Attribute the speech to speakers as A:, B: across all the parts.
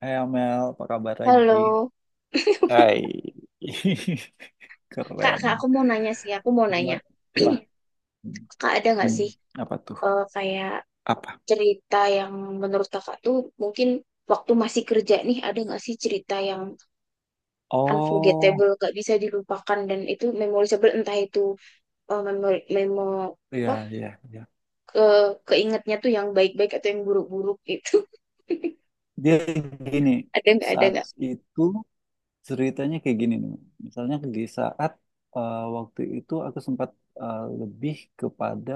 A: Hai Amel, apa kabar lagi?
B: Halo,
A: Hai,
B: Kak, aku
A: keren.
B: mau nanya sih, aku mau nanya,
A: Gimana? Apa?
B: Kak ada nggak
A: Hmm,
B: sih
A: apa tuh?
B: kayak
A: Apa?
B: cerita yang menurut Kakak tuh mungkin waktu masih kerja nih ada nggak sih cerita yang
A: Oh,
B: unforgettable, gak bisa dilupakan dan itu memorable entah itu eh, memo, memo
A: iya,
B: apa
A: iya, iya.
B: ke keingetnya tuh yang baik-baik atau yang buruk-buruk gitu.
A: Dia gini,
B: Ada nggak? Ada
A: saat
B: nggak?
A: itu ceritanya kayak gini nih. Misalnya di saat waktu itu aku sempat, lebih kepada,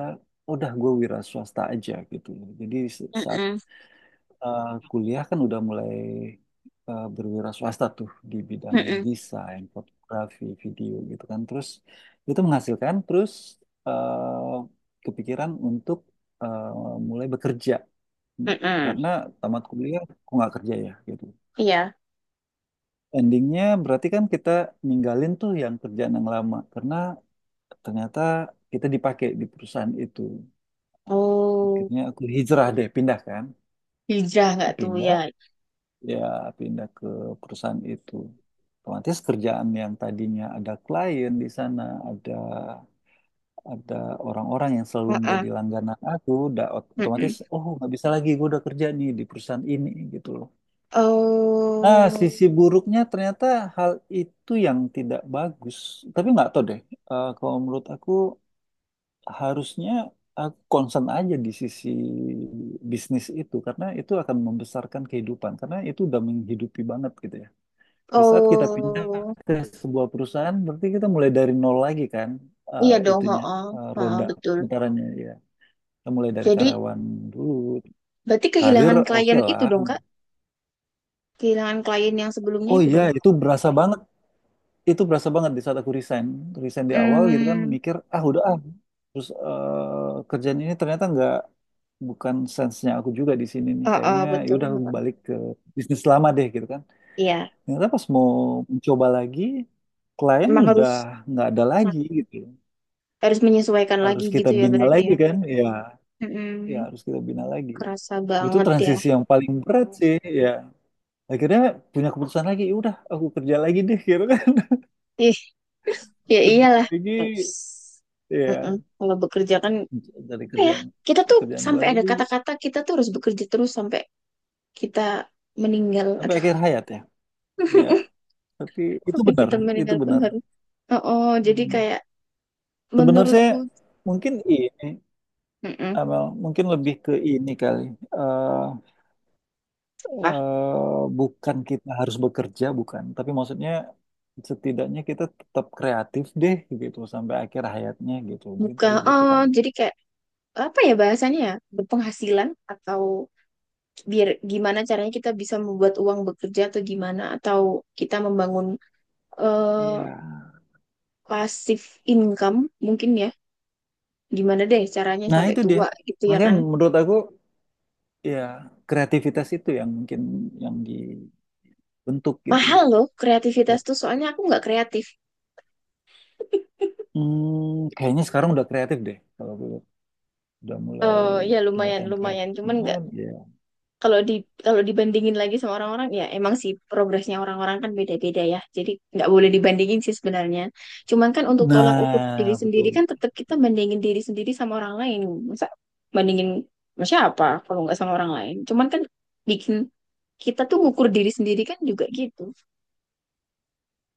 A: udah gue wira swasta aja gitu. Jadi saat
B: Mm-mm,
A: kuliah kan udah mulai berwira swasta tuh di bidang
B: mm-mm,
A: desain, fotografi, video gitu kan. Terus itu menghasilkan, terus eh, kepikiran untuk eh, mulai bekerja
B: mm-mm.
A: karena tamat kuliah kok nggak kerja ya gitu.
B: Iya.
A: Endingnya berarti kan kita ninggalin tuh yang kerjaan yang lama karena ternyata kita dipakai di perusahaan itu.
B: Oh,
A: Akhirnya aku hijrah deh, pindah kan.
B: hijrah nggak tuh ya?
A: Pindah ya pindah ke perusahaan itu. Otomatis kerjaan yang tadinya ada klien di sana, ada ada orang-orang yang selalu
B: Heeh,
A: menjadi langganan aku, udah otomatis
B: heeh.
A: oh nggak bisa lagi gue udah kerja nih di perusahaan ini gitu loh. Nah,
B: Oh.
A: sisi buruknya ternyata hal itu yang tidak bagus. Tapi nggak tahu deh, kalau menurut aku harusnya aku concern aja di sisi bisnis itu karena itu akan membesarkan kehidupan karena itu udah menghidupi banget gitu ya. Di saat kita pindah
B: Oh,
A: ke sebuah perusahaan, berarti kita mulai dari nol lagi kan,
B: iya dong,
A: itunya,
B: heeh, heeh,
A: roda
B: betul.
A: putarannya ya. Kita mulai dari
B: Jadi,
A: karyawan dulu.
B: berarti
A: Karir
B: kehilangan klien
A: oke
B: itu
A: lah.
B: dong, Kak? Kehilangan klien yang sebelumnya
A: Oh
B: itu
A: iya,
B: dong.
A: itu berasa banget. Itu berasa banget di saat aku resign. Resign di awal gitu kan,
B: Hmm,
A: mikir, ah udah ah. Terus kerjaan ini ternyata nggak, bukan sense-nya aku juga di sini nih
B: heeh,
A: kayaknya, ya
B: betul.
A: udah aku
B: Heeh.
A: balik ke bisnis lama deh gitu kan,
B: Iya,
A: ternyata pas mau mencoba lagi klien
B: emang
A: udah
B: harus
A: nggak ada lagi gitu,
B: harus menyesuaikan lagi
A: harus kita
B: gitu ya
A: bina
B: berarti
A: lagi
B: ya.
A: kan ya, ya
B: Mm-mm,
A: harus kita bina lagi.
B: kerasa
A: Itu
B: banget ya.
A: transisi yang paling berat sih, ya akhirnya punya keputusan lagi, "Ya udah aku kerja lagi deh gitu kan."
B: Ih, ya
A: Kerja
B: iyalah.
A: lagi,
B: Ups. Mm-mm,
A: ya
B: kalau bekerja kan,
A: dari
B: apa ya,
A: kerjaan,
B: kita tuh
A: kerjaan
B: sampai ada
A: baru
B: kata-kata kita tuh harus bekerja terus sampai kita meninggal.
A: sampai
B: Aduh.
A: akhir hayat ya, ya tapi itu
B: Kok
A: benar,
B: hitam
A: itu
B: meninggal pun
A: benar.
B: harus. Oh, oh, jadi
A: Hmm.
B: kayak
A: Sebenarnya
B: menurutku,
A: mungkin ini,
B: mm,
A: Amel, mungkin lebih ke ini kali. Eh,
B: hah?
A: bukan kita harus bekerja, bukan. Tapi maksudnya setidaknya kita tetap kreatif deh gitu sampai akhir hayatnya gitu. Mungkin
B: Bukan.
A: kali gitu
B: Oh,
A: kali.
B: jadi kayak apa ya bahasanya ya? Berpenghasilan atau biar gimana caranya kita bisa membuat uang bekerja atau gimana atau kita membangun eh
A: Iya.
B: pasif income mungkin ya. Gimana deh caranya
A: Nah,
B: sampai
A: itu dia.
B: tua gitu ya
A: Makanya
B: kan?
A: menurut aku ya kreativitas itu yang mungkin yang dibentuk gitu.
B: Mahal loh kreativitas
A: Dan,
B: tuh soalnya aku nggak kreatif.
A: kayaknya sekarang udah kreatif deh kalau gue lihat. Udah mulai
B: Oh ya, lumayan
A: kelihatan kreatif.
B: lumayan, cuman nggak
A: Cuman, ya.
B: kalau di kalau dibandingin lagi sama orang-orang ya emang sih progresnya orang-orang kan beda-beda ya. Jadi nggak boleh dibandingin sih sebenarnya. Cuman kan untuk tolak ukur diri
A: Nah,
B: sendiri
A: betul.
B: kan tetap kita bandingin diri sendiri sama orang lain. Masa bandingin sama siapa kalau nggak sama orang lain. Cuman kan bikin kita tuh ngukur diri sendiri kan juga gitu.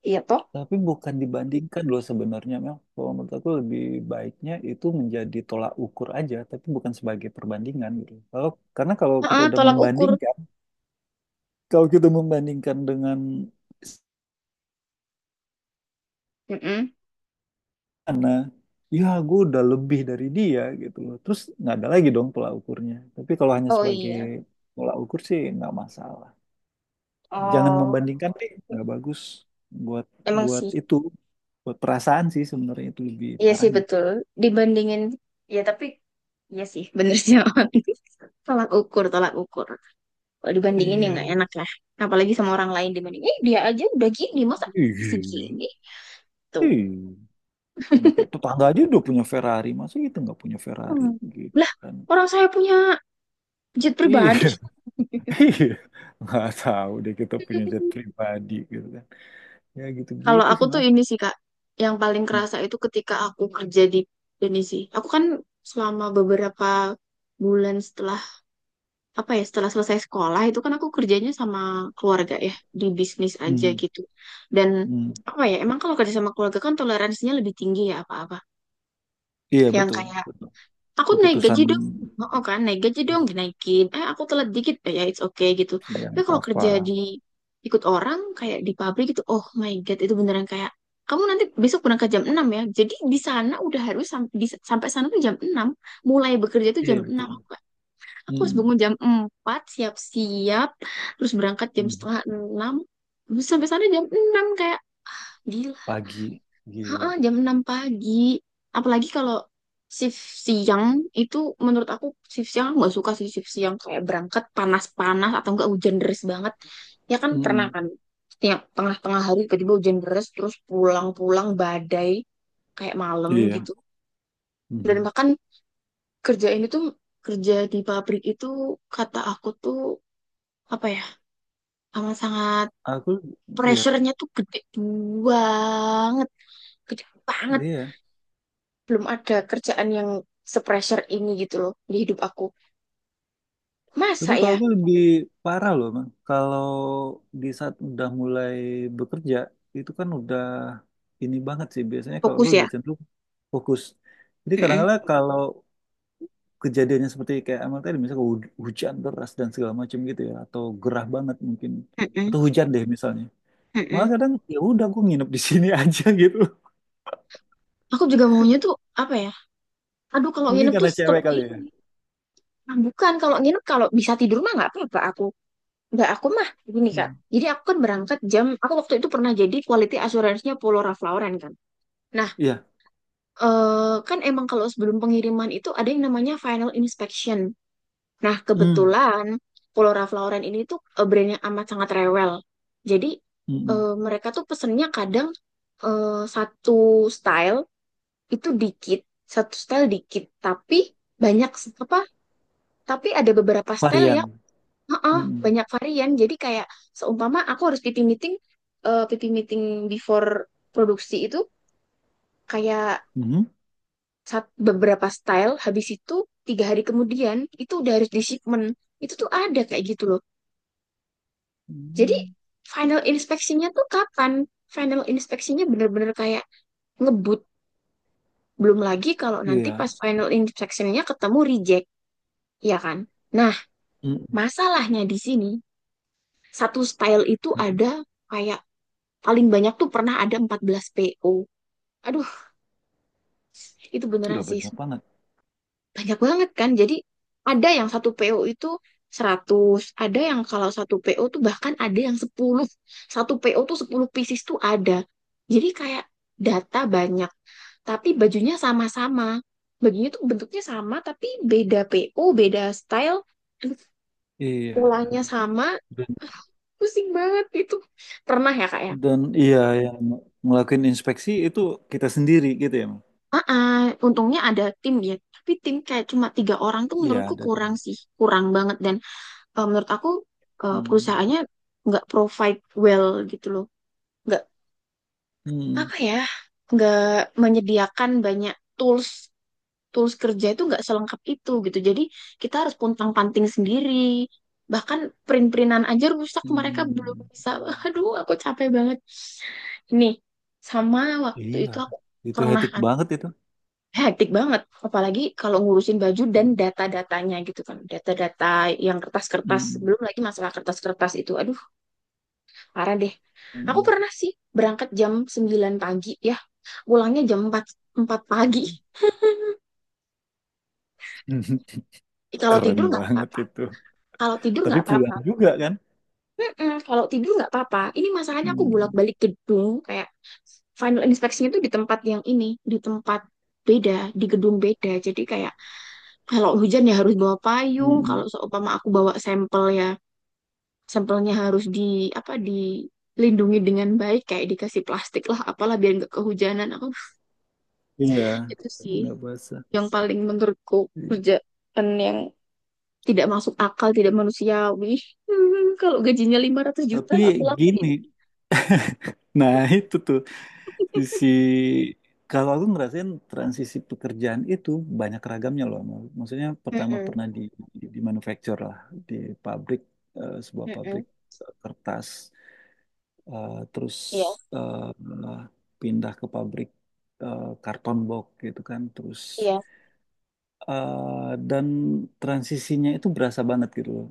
B: Iya toh?
A: Tapi bukan dibandingkan loh sebenarnya, Mel. Kalau menurut aku lebih baiknya itu menjadi tolak ukur aja, tapi bukan sebagai perbandingan gitu. Kalau, karena kalau kita
B: Heeh,
A: udah
B: tolak ukur.
A: membandingkan, kalau kita membandingkan dengan
B: Mm-mm.
A: sana, ya gue udah lebih dari dia gitu loh. Terus nggak ada lagi dong tolak ukurnya. Tapi kalau hanya
B: Oh
A: sebagai
B: iya.
A: tolak ukur sih nggak masalah. Jangan
B: Oh,
A: membandingkan deh, nggak bagus buat
B: emang
A: buat
B: sih.
A: itu, buat perasaan sih sebenarnya itu lebih
B: Iya sih
A: parahnya.
B: betul. Dibandingin ya tapi iya sih bener sih Awan. Tolak ukur, tolak ukur. Kalau dibandingin ya
A: Iya.
B: nggak enak lah. Apalagi sama orang lain dibanding. Eh, dia aja udah gini masa
A: Iya,
B: segini tuh.
A: iya. Cuma kayak tetangga aja udah punya Ferrari, masa kita nggak punya Ferrari
B: Hmm.
A: gitu
B: Lah
A: kan?
B: orang saya punya jet pribadi.
A: Iya, iya. Nggak tahu deh kita punya jet pribadi gitu kan. Ya
B: Kalau
A: gitu-gitu
B: aku
A: sih,
B: tuh
A: mas.
B: ini sih Kak, yang paling
A: Hmm.
B: kerasa itu ketika aku kerja di ini sih. Aku kan selama beberapa bulan setelah apa ya setelah selesai sekolah itu kan aku kerjanya sama keluarga ya di bisnis aja
A: Hmm.
B: gitu, dan
A: Hmm.
B: apa ya emang kalau kerja sama keluarga kan toleransinya lebih tinggi ya apa-apa
A: Iya
B: yang
A: betul,
B: kayak,
A: betul.
B: aku naik
A: Keputusan.
B: gaji dong, oh kan naik gaji dong dinaikin, eh aku telat dikit, eh, ya it's okay gitu,
A: Iya,
B: tapi
A: nggak
B: kalau
A: apa-apa.
B: kerja di ikut orang kayak di pabrik gitu oh my god itu beneran kayak, kamu nanti besok berangkat jam 6 ya, jadi di sana udah harus sampai sana tuh jam enam, mulai bekerja tuh jam
A: Iya,
B: enam.
A: betul.
B: Aku harus
A: Mm.
B: bangun jam 4 siap-siap, terus berangkat jam
A: Mm.
B: setengah enam, terus sampai sana jam 6 kayak gila.
A: Pagi, gila.
B: Heeh, jam 6 pagi. Apalagi kalau shift siang, itu menurut aku shift siang aku nggak suka sih shift siang. Kayak berangkat panas-panas atau enggak hujan deras banget. Ya kan pernah
A: Mm-mm.
B: kan, setiap tengah-tengah hari tiba-tiba hujan deras, terus pulang-pulang badai kayak malam
A: Iya.
B: gitu. Dan
A: Mhm.
B: bahkan kerja ini tuh, kerja di pabrik itu kata aku tuh, apa ya, amat sangat
A: Aku, iya,
B: pressure-nya tuh gede banget, gede banget.
A: iya.
B: Belum ada kerjaan yang se-pressure ini gitu loh di hidup aku.
A: Tapi
B: Masa
A: kalau
B: ya?
A: gue lebih parah loh, Bang. Kalau di saat udah mulai bekerja, itu kan udah ini banget sih. Biasanya kalau gue
B: Fokus ya?
A: lebih cenderung fokus. Jadi
B: Mm-mm,
A: kadang-kadang kalau kejadiannya seperti kayak amal tadi, misalnya hujan deras dan segala macam gitu ya, atau gerah banget mungkin,
B: mm-mm,
A: atau hujan deh misalnya. Malah
B: mm-mm.
A: kadang ya udah gue nginep di sini aja gitu.
B: Aku juga maunya tuh apa ya? Aduh kalau
A: Mungkin
B: nginep tuh
A: karena cewek
B: stop
A: kali ya.
B: ini. Ah, bukan kalau nginep kalau bisa tidur mah nggak apa-apa aku. Nggak, aku mah gini Kak.
A: Hmm.
B: Jadi aku kan berangkat jam, aku waktu itu pernah jadi quality assurance-nya Polora Flauran kan. Nah,
A: Iya.
B: kan emang kalau sebelum pengiriman itu ada yang namanya final inspection. Nah,
A: Hmm.
B: kebetulan Pulau Flora Lauren ini tuh brand yang amat sangat rewel. Jadi
A: Mm-mm.
B: mereka tuh pesennya kadang satu style itu dikit, satu style dikit, tapi banyak apa? Tapi ada beberapa style ya,
A: Varian.
B: heeh,
A: Mm-mm.
B: banyak varian. Jadi kayak seumpama aku harus pipi meeting before produksi itu kayak
A: Mhm.
B: beberapa style, habis itu 3 hari kemudian itu udah harus di shipment. Itu tuh ada kayak gitu loh. Jadi
A: Hmm.
B: final inspeksinya tuh kapan? Final inspeksinya bener-bener kayak ngebut. Belum lagi kalau nanti
A: Iya.
B: pas final inspeksinya ketemu reject, ya kan? Nah, masalahnya di sini, satu style itu
A: Mm-mm.
B: ada kayak paling banyak tuh pernah ada 14 PO. Aduh, itu beneran
A: Gila
B: sih.
A: banyak banget.
B: Banyak banget kan. Jadi ada yang satu PO itu 100, ada yang kalau satu PO tuh bahkan ada yang 10. Satu PO tuh 10 pieces tuh ada. Jadi kayak data banyak, tapi bajunya sama-sama. Bajunya tuh bentuknya sama, tapi beda PO, beda style, terus
A: Iya.
B: polanya sama.
A: Dan,
B: Ah, pusing banget itu. Pernah ya kak ya?
A: dan iya yang ngelakuin inspeksi itu kita sendiri gitu ya. Mang?
B: Ah, untungnya ada tim ya. Tapi tim kayak cuma 3 orang tuh
A: Iya
B: menurutku
A: ada
B: kurang
A: tim.
B: sih, kurang banget. Dan menurut aku
A: Hmm.
B: perusahaannya nggak provide well gitu loh, nggak
A: Hmm.
B: apa ya, nggak menyediakan banyak tools tools kerja itu nggak selengkap itu gitu jadi kita harus puntang-panting sendiri, bahkan print-printan aja rusak mereka belum
A: Hmm.
B: bisa. Aduh aku capek banget ini, sama waktu
A: Iya.
B: itu aku
A: Itu
B: pernah
A: hectic banget itu.
B: hektik banget apalagi kalau ngurusin baju dan
A: Hmm.
B: data-datanya gitu kan, data-data yang kertas-kertas
A: Hmm.
B: belum lagi masalah kertas-kertas itu, aduh parah deh. Aku
A: Hmm.
B: pernah sih berangkat jam 9 pagi ya. Pulangnya jam 4 4 pagi. Kalau
A: Keren
B: tidur nggak
A: banget
B: apa-apa.
A: itu.
B: Kalau tidur
A: Tapi
B: nggak apa-apa.
A: pulang juga kan?
B: Mm-mm, kalau tidur nggak apa-apa. Ini masalahnya aku
A: Hmm.
B: bolak-balik gedung kayak final inspection itu di tempat yang ini, di tempat beda, di gedung beda. Jadi kayak kalau hujan ya harus bawa payung,
A: Hmm.
B: kalau seumpama aku bawa sampel ya, sampelnya harus di apa dilindungi dengan baik kayak dikasih plastik lah apalah biar nggak kehujanan aku,
A: Iya.
B: itu sih
A: Nggak basah.
B: yang paling menurutku kerjaan yang tidak masuk akal, tidak manusiawi. Kalau gajinya 500 juta aku
A: Tapi
B: lakuin.
A: gini. Nah itu tuh. Sisi kalau aku ngerasain transisi pekerjaan itu banyak ragamnya loh. Mal. Maksudnya pertama
B: Mm-mm,
A: pernah di manufacture lah, di pabrik, sebuah pabrik
B: mm-mm.
A: kertas. Terus
B: Iya,
A: eh, pindah ke pabrik, karton box gitu kan, terus
B: iya.
A: dan transisinya itu berasa banget gitu loh.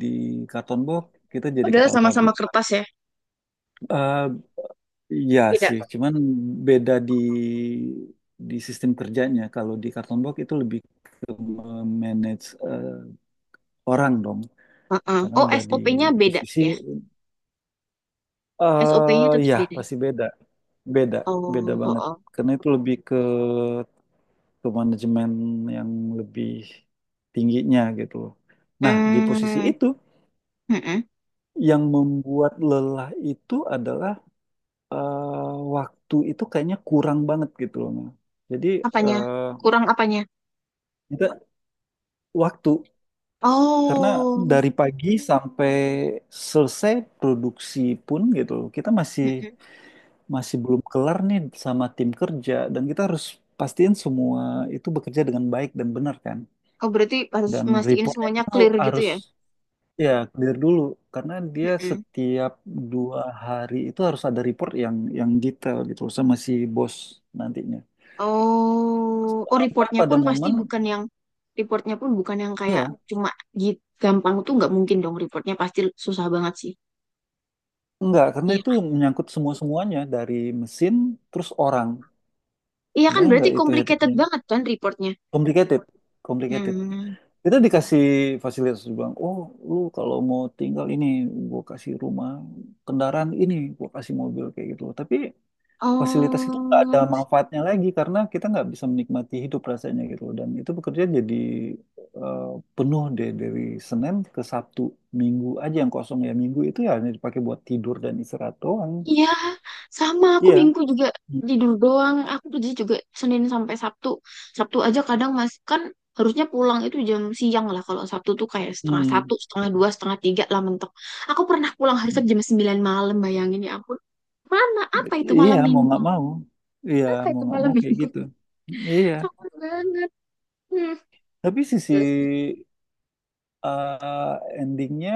A: Di karton box kita jadi
B: Padahal
A: kepala
B: sama-sama
A: pabrik.
B: kertas ya,
A: Eh, Iya
B: beda.
A: sih, cuman beda di sistem kerjanya. Kalau di Kartonbox itu lebih ke manage orang dong,
B: Heeh.
A: karena
B: Oh,
A: udah di
B: SOP-nya beda
A: posisi
B: ya. SOP-nya tetap
A: ya
B: beda.
A: pasti beda, beda, beda
B: Oh,
A: banget.
B: oh.
A: Karena itu lebih ke manajemen yang lebih tingginya gitu loh. Nah, di posisi
B: Hmm,
A: itu
B: mm-mm.
A: yang membuat lelah itu adalah waktu itu kayaknya kurang banget gitu loh. Nah. Jadi
B: Apanya?
A: eh,
B: Kurang apanya?
A: kita waktu karena
B: Oh,
A: dari pagi sampai selesai produksi pun gitu kita masih
B: mm-mm.
A: masih belum kelar nih sama tim kerja dan kita harus pastiin semua itu bekerja dengan baik dan benar kan,
B: Oh, berarti harus
A: dan
B: mastiin
A: reportnya
B: semuanya
A: itu
B: clear gitu
A: harus
B: ya.
A: ya clear dulu karena dia
B: Mm-mm.
A: setiap dua hari itu harus ada report yang detail gitu sama si bos nantinya
B: Oh, oh,
A: sampai
B: reportnya
A: pada
B: pun pasti
A: momen
B: bukan yang, reportnya pun bukan yang kayak
A: ya
B: cuma git gampang tuh nggak mungkin dong reportnya pasti susah banget sih.
A: enggak karena
B: Iya,
A: itu menyangkut semua semuanya dari mesin terus orang.
B: iya kan
A: Bayang
B: berarti
A: nggak itu
B: complicated
A: hektiknya?
B: banget kan reportnya.
A: Complicated, complicated.
B: Hmm.
A: Kita dikasih fasilitas bang. Oh, lu kalau mau tinggal ini, gua kasih rumah, kendaraan ini, gua kasih mobil kayak gitu. Tapi fasilitas itu nggak ada
B: Oh.
A: manfaatnya lagi karena kita nggak bisa menikmati hidup rasanya gitu. Dan itu bekerja jadi eh, penuh deh dari Senin ke Sabtu, Minggu aja yang kosong ya. Minggu itu ya hanya dipakai buat tidur dan istirahat doang.
B: Iya, sama aku
A: Iya.
B: minggu juga tidur doang. Aku kerja juga Senin sampai Sabtu. Sabtu aja kadang masih kan, harusnya pulang itu jam siang lah. Kalau Sabtu tuh kayak setengah
A: Hmm.
B: satu, setengah dua, setengah tiga lah mentok. Aku pernah pulang hari
A: Hmm.
B: Sabtu jam 9 malam, bayangin ya ampun. Mana? Apa itu
A: Iya,
B: malam
A: mau
B: minggu?
A: nggak mau. Iya,
B: Apa
A: mau
B: itu
A: nggak
B: malam
A: mau kayak
B: minggu?
A: gitu. Iya,
B: Capek banget. Hmm.
A: tapi sisi
B: Terus
A: endingnya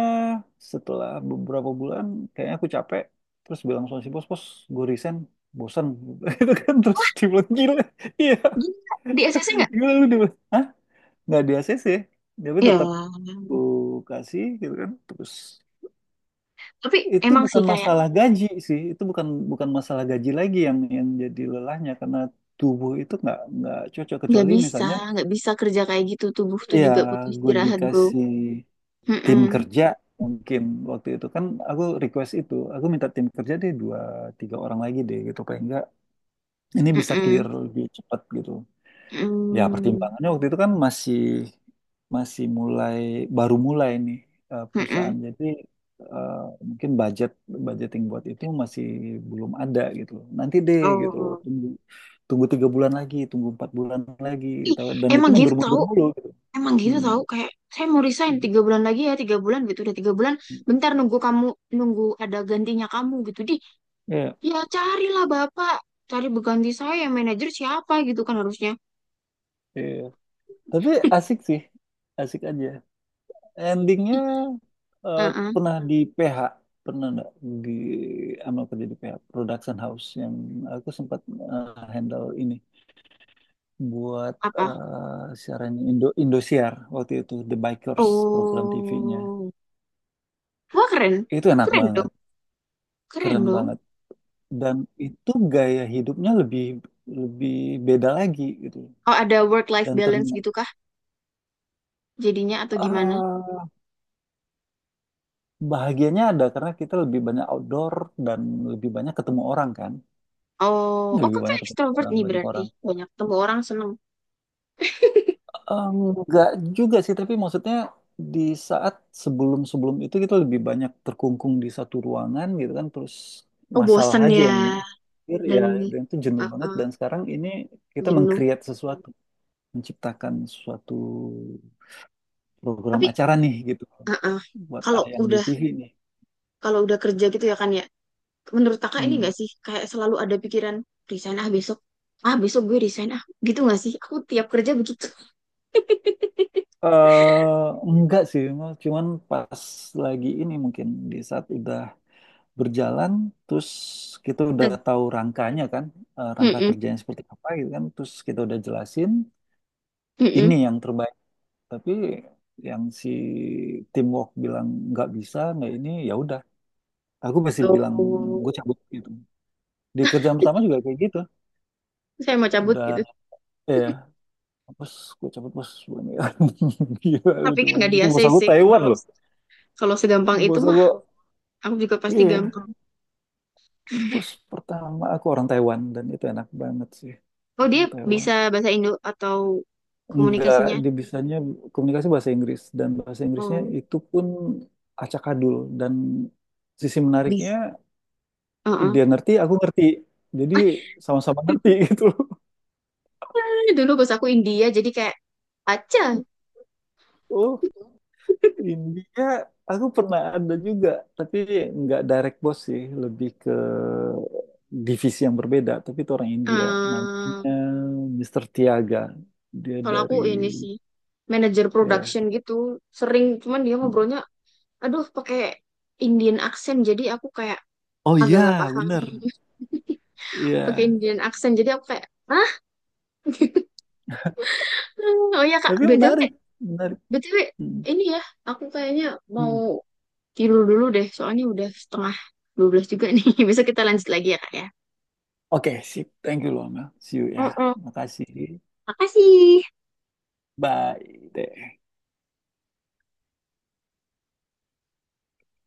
A: setelah beberapa bulan kayaknya aku capek. Terus bilang sama si bos, bos, gue resign, bosan. Itu kan terus dia bilang, gila, iya,
B: gila, di SSC nggak?
A: gila lu dia bilang, hah? Nggak di ACC, tapi
B: Ya,
A: tetap aku kasih gitu kan. Terus
B: tapi
A: itu
B: emang sih
A: bukan
B: kayak
A: masalah gaji sih, itu bukan bukan masalah gaji lagi yang jadi lelahnya karena tubuh itu nggak cocok
B: nggak
A: kecuali
B: bisa,
A: misalnya
B: nggak bisa kerja kayak gitu. Tubuh tuh
A: ya
B: juga butuh
A: gue
B: istirahat, bro.
A: dikasih tim
B: Mm-mm.
A: kerja mungkin waktu itu kan aku request itu aku minta tim kerja deh dua tiga orang lagi deh gitu paling enggak ini bisa clear
B: Mm-mm.
A: lebih cepat gitu. Ya,
B: Mm.
A: pertimbangannya waktu itu kan masih masih mulai baru mulai nih,
B: Mm-mm.
A: perusahaan. Jadi eh, mungkin budget budgeting buat itu masih belum ada gitu loh. Nanti deh gitu loh.
B: Oh.
A: Tunggu tunggu tiga bulan lagi, tunggu empat bulan lagi,
B: Ih,
A: gitu. Dan itu
B: emang gitu tahu.
A: mundur-mundur mulu gitu.
B: Emang gitu
A: Hmm.
B: tahu kayak saya mau resign 3 bulan lagi ya tiga bulan gitu udah tiga bulan, bentar nunggu kamu, nunggu ada gantinya kamu gitu di,
A: Iya,
B: ya carilah bapak, cari berganti saya manajer siapa gitu kan harusnya.
A: iya. Tapi asik sih, asik aja. Endingnya
B: Ih,
A: eh,
B: uh-uh.
A: pernah di PH, pernah nggak di ama kerja di PH production house yang aku sempat eh, handle ini buat
B: Apa?
A: siarannya Indosiar waktu itu, The Bikers program TV-nya.
B: Oh, wah keren,
A: Itu enak
B: keren
A: banget,
B: dong, keren
A: keren
B: dong.
A: banget, dan itu gaya hidupnya lebih lebih beda lagi gitu,
B: Oh ada work life
A: dan
B: balance
A: ternyata
B: gitu kah jadinya atau gimana.
A: ah, bahagianya ada karena kita lebih banyak outdoor dan lebih banyak ketemu orang kan,
B: Oh, oh
A: lebih
B: kakak
A: banyak ketemu
B: ekstrovert
A: orang,
B: nih
A: banyak
B: berarti.
A: orang.
B: Banyak temu orang seneng.
A: Enggak juga sih, tapi maksudnya di saat sebelum-sebelum itu kita lebih banyak terkungkung di satu ruangan gitu kan, terus
B: Oh,
A: masalah
B: bosen
A: aja
B: ya.
A: yang hadir, ya,
B: Dan
A: dan itu jenuh
B: uh,
A: banget,
B: uh,
A: dan sekarang ini kita
B: jenuh.
A: meng-create sesuatu, menciptakan suatu program
B: Tapi
A: acara nih gitu
B: uh, uh,
A: buat
B: kalau
A: tayang di
B: udah
A: TV nih.
B: kalau udah kerja gitu ya kan ya. Menurut kakak ini
A: Hmm.
B: nggak sih? Kayak selalu ada pikiran resign ah besok. Ah besok gue resign ah. Gitu nggak sih? Aku tiap kerja begitu.
A: Enggak sih, Mas. Cuman pas lagi ini mungkin di saat udah berjalan terus kita udah tahu rangkanya kan, rangka
B: Mm-mm,
A: kerjanya seperti apa gitu kan, terus kita udah jelasin ini
B: mm-mm.
A: yang terbaik, tapi yang si teamwork bilang nggak bisa nggak ini ya udah, aku masih bilang
B: Oh,
A: gue cabut gitu. Di kerjaan pertama juga kayak gitu,
B: saya mau cabut
A: udah,
B: gitu.
A: eh bos, gue cabut bos. Gila lu
B: Tapi kan
A: doang,
B: nggak di
A: itu bos aku
B: ACC,
A: Taiwan
B: kalau
A: loh.
B: kalau segampang itu
A: Bos
B: mah
A: aku,
B: aku juga pasti
A: iya,
B: gampang.
A: bos pertama aku orang Taiwan dan itu enak banget sih.
B: Oh, dia
A: Orang Taiwan.
B: bisa bahasa Indo atau
A: Enggak,
B: komunikasinya?
A: dia bisanya komunikasi bahasa Inggris dan bahasa Inggrisnya
B: Oh,
A: itu pun acakadul, dan sisi menariknya
B: bisa. Heeh.
A: dia ngerti, aku ngerti. Jadi sama-sama ngerti gitu loh.
B: Dulu bos aku India, jadi kayak aja.
A: Oh, India aku pernah ada juga, tapi nggak direct boss sih, lebih ke divisi yang berbeda, tapi itu orang India.
B: eh
A: Namanya Mr. Tiaga. Dia
B: Kalau aku
A: dari
B: ini sih manajer
A: ya.
B: production gitu, sering cuman dia ngobrolnya, aduh pakai Indian accent, jadi aku kayak
A: Oh
B: agak
A: iya,
B: gak paham.
A: bener.
B: Pakai
A: Iya.
B: Indian accent, jadi aku kayak, ah, oh ya Kak,
A: Tapi
B: BTW,
A: menarik, menarik.
B: BTW,
A: Hmm.
B: ini ya, aku kayaknya
A: Hmm.
B: mau tidur dulu deh, soalnya udah setengah 12 juga nih. Besok kita lanjut lagi ya, Kak ya.
A: Oke, sip. Thank you loh, see you ya.
B: Mm-mm.
A: Makasih.
B: Makasih.
A: Bye. Teh.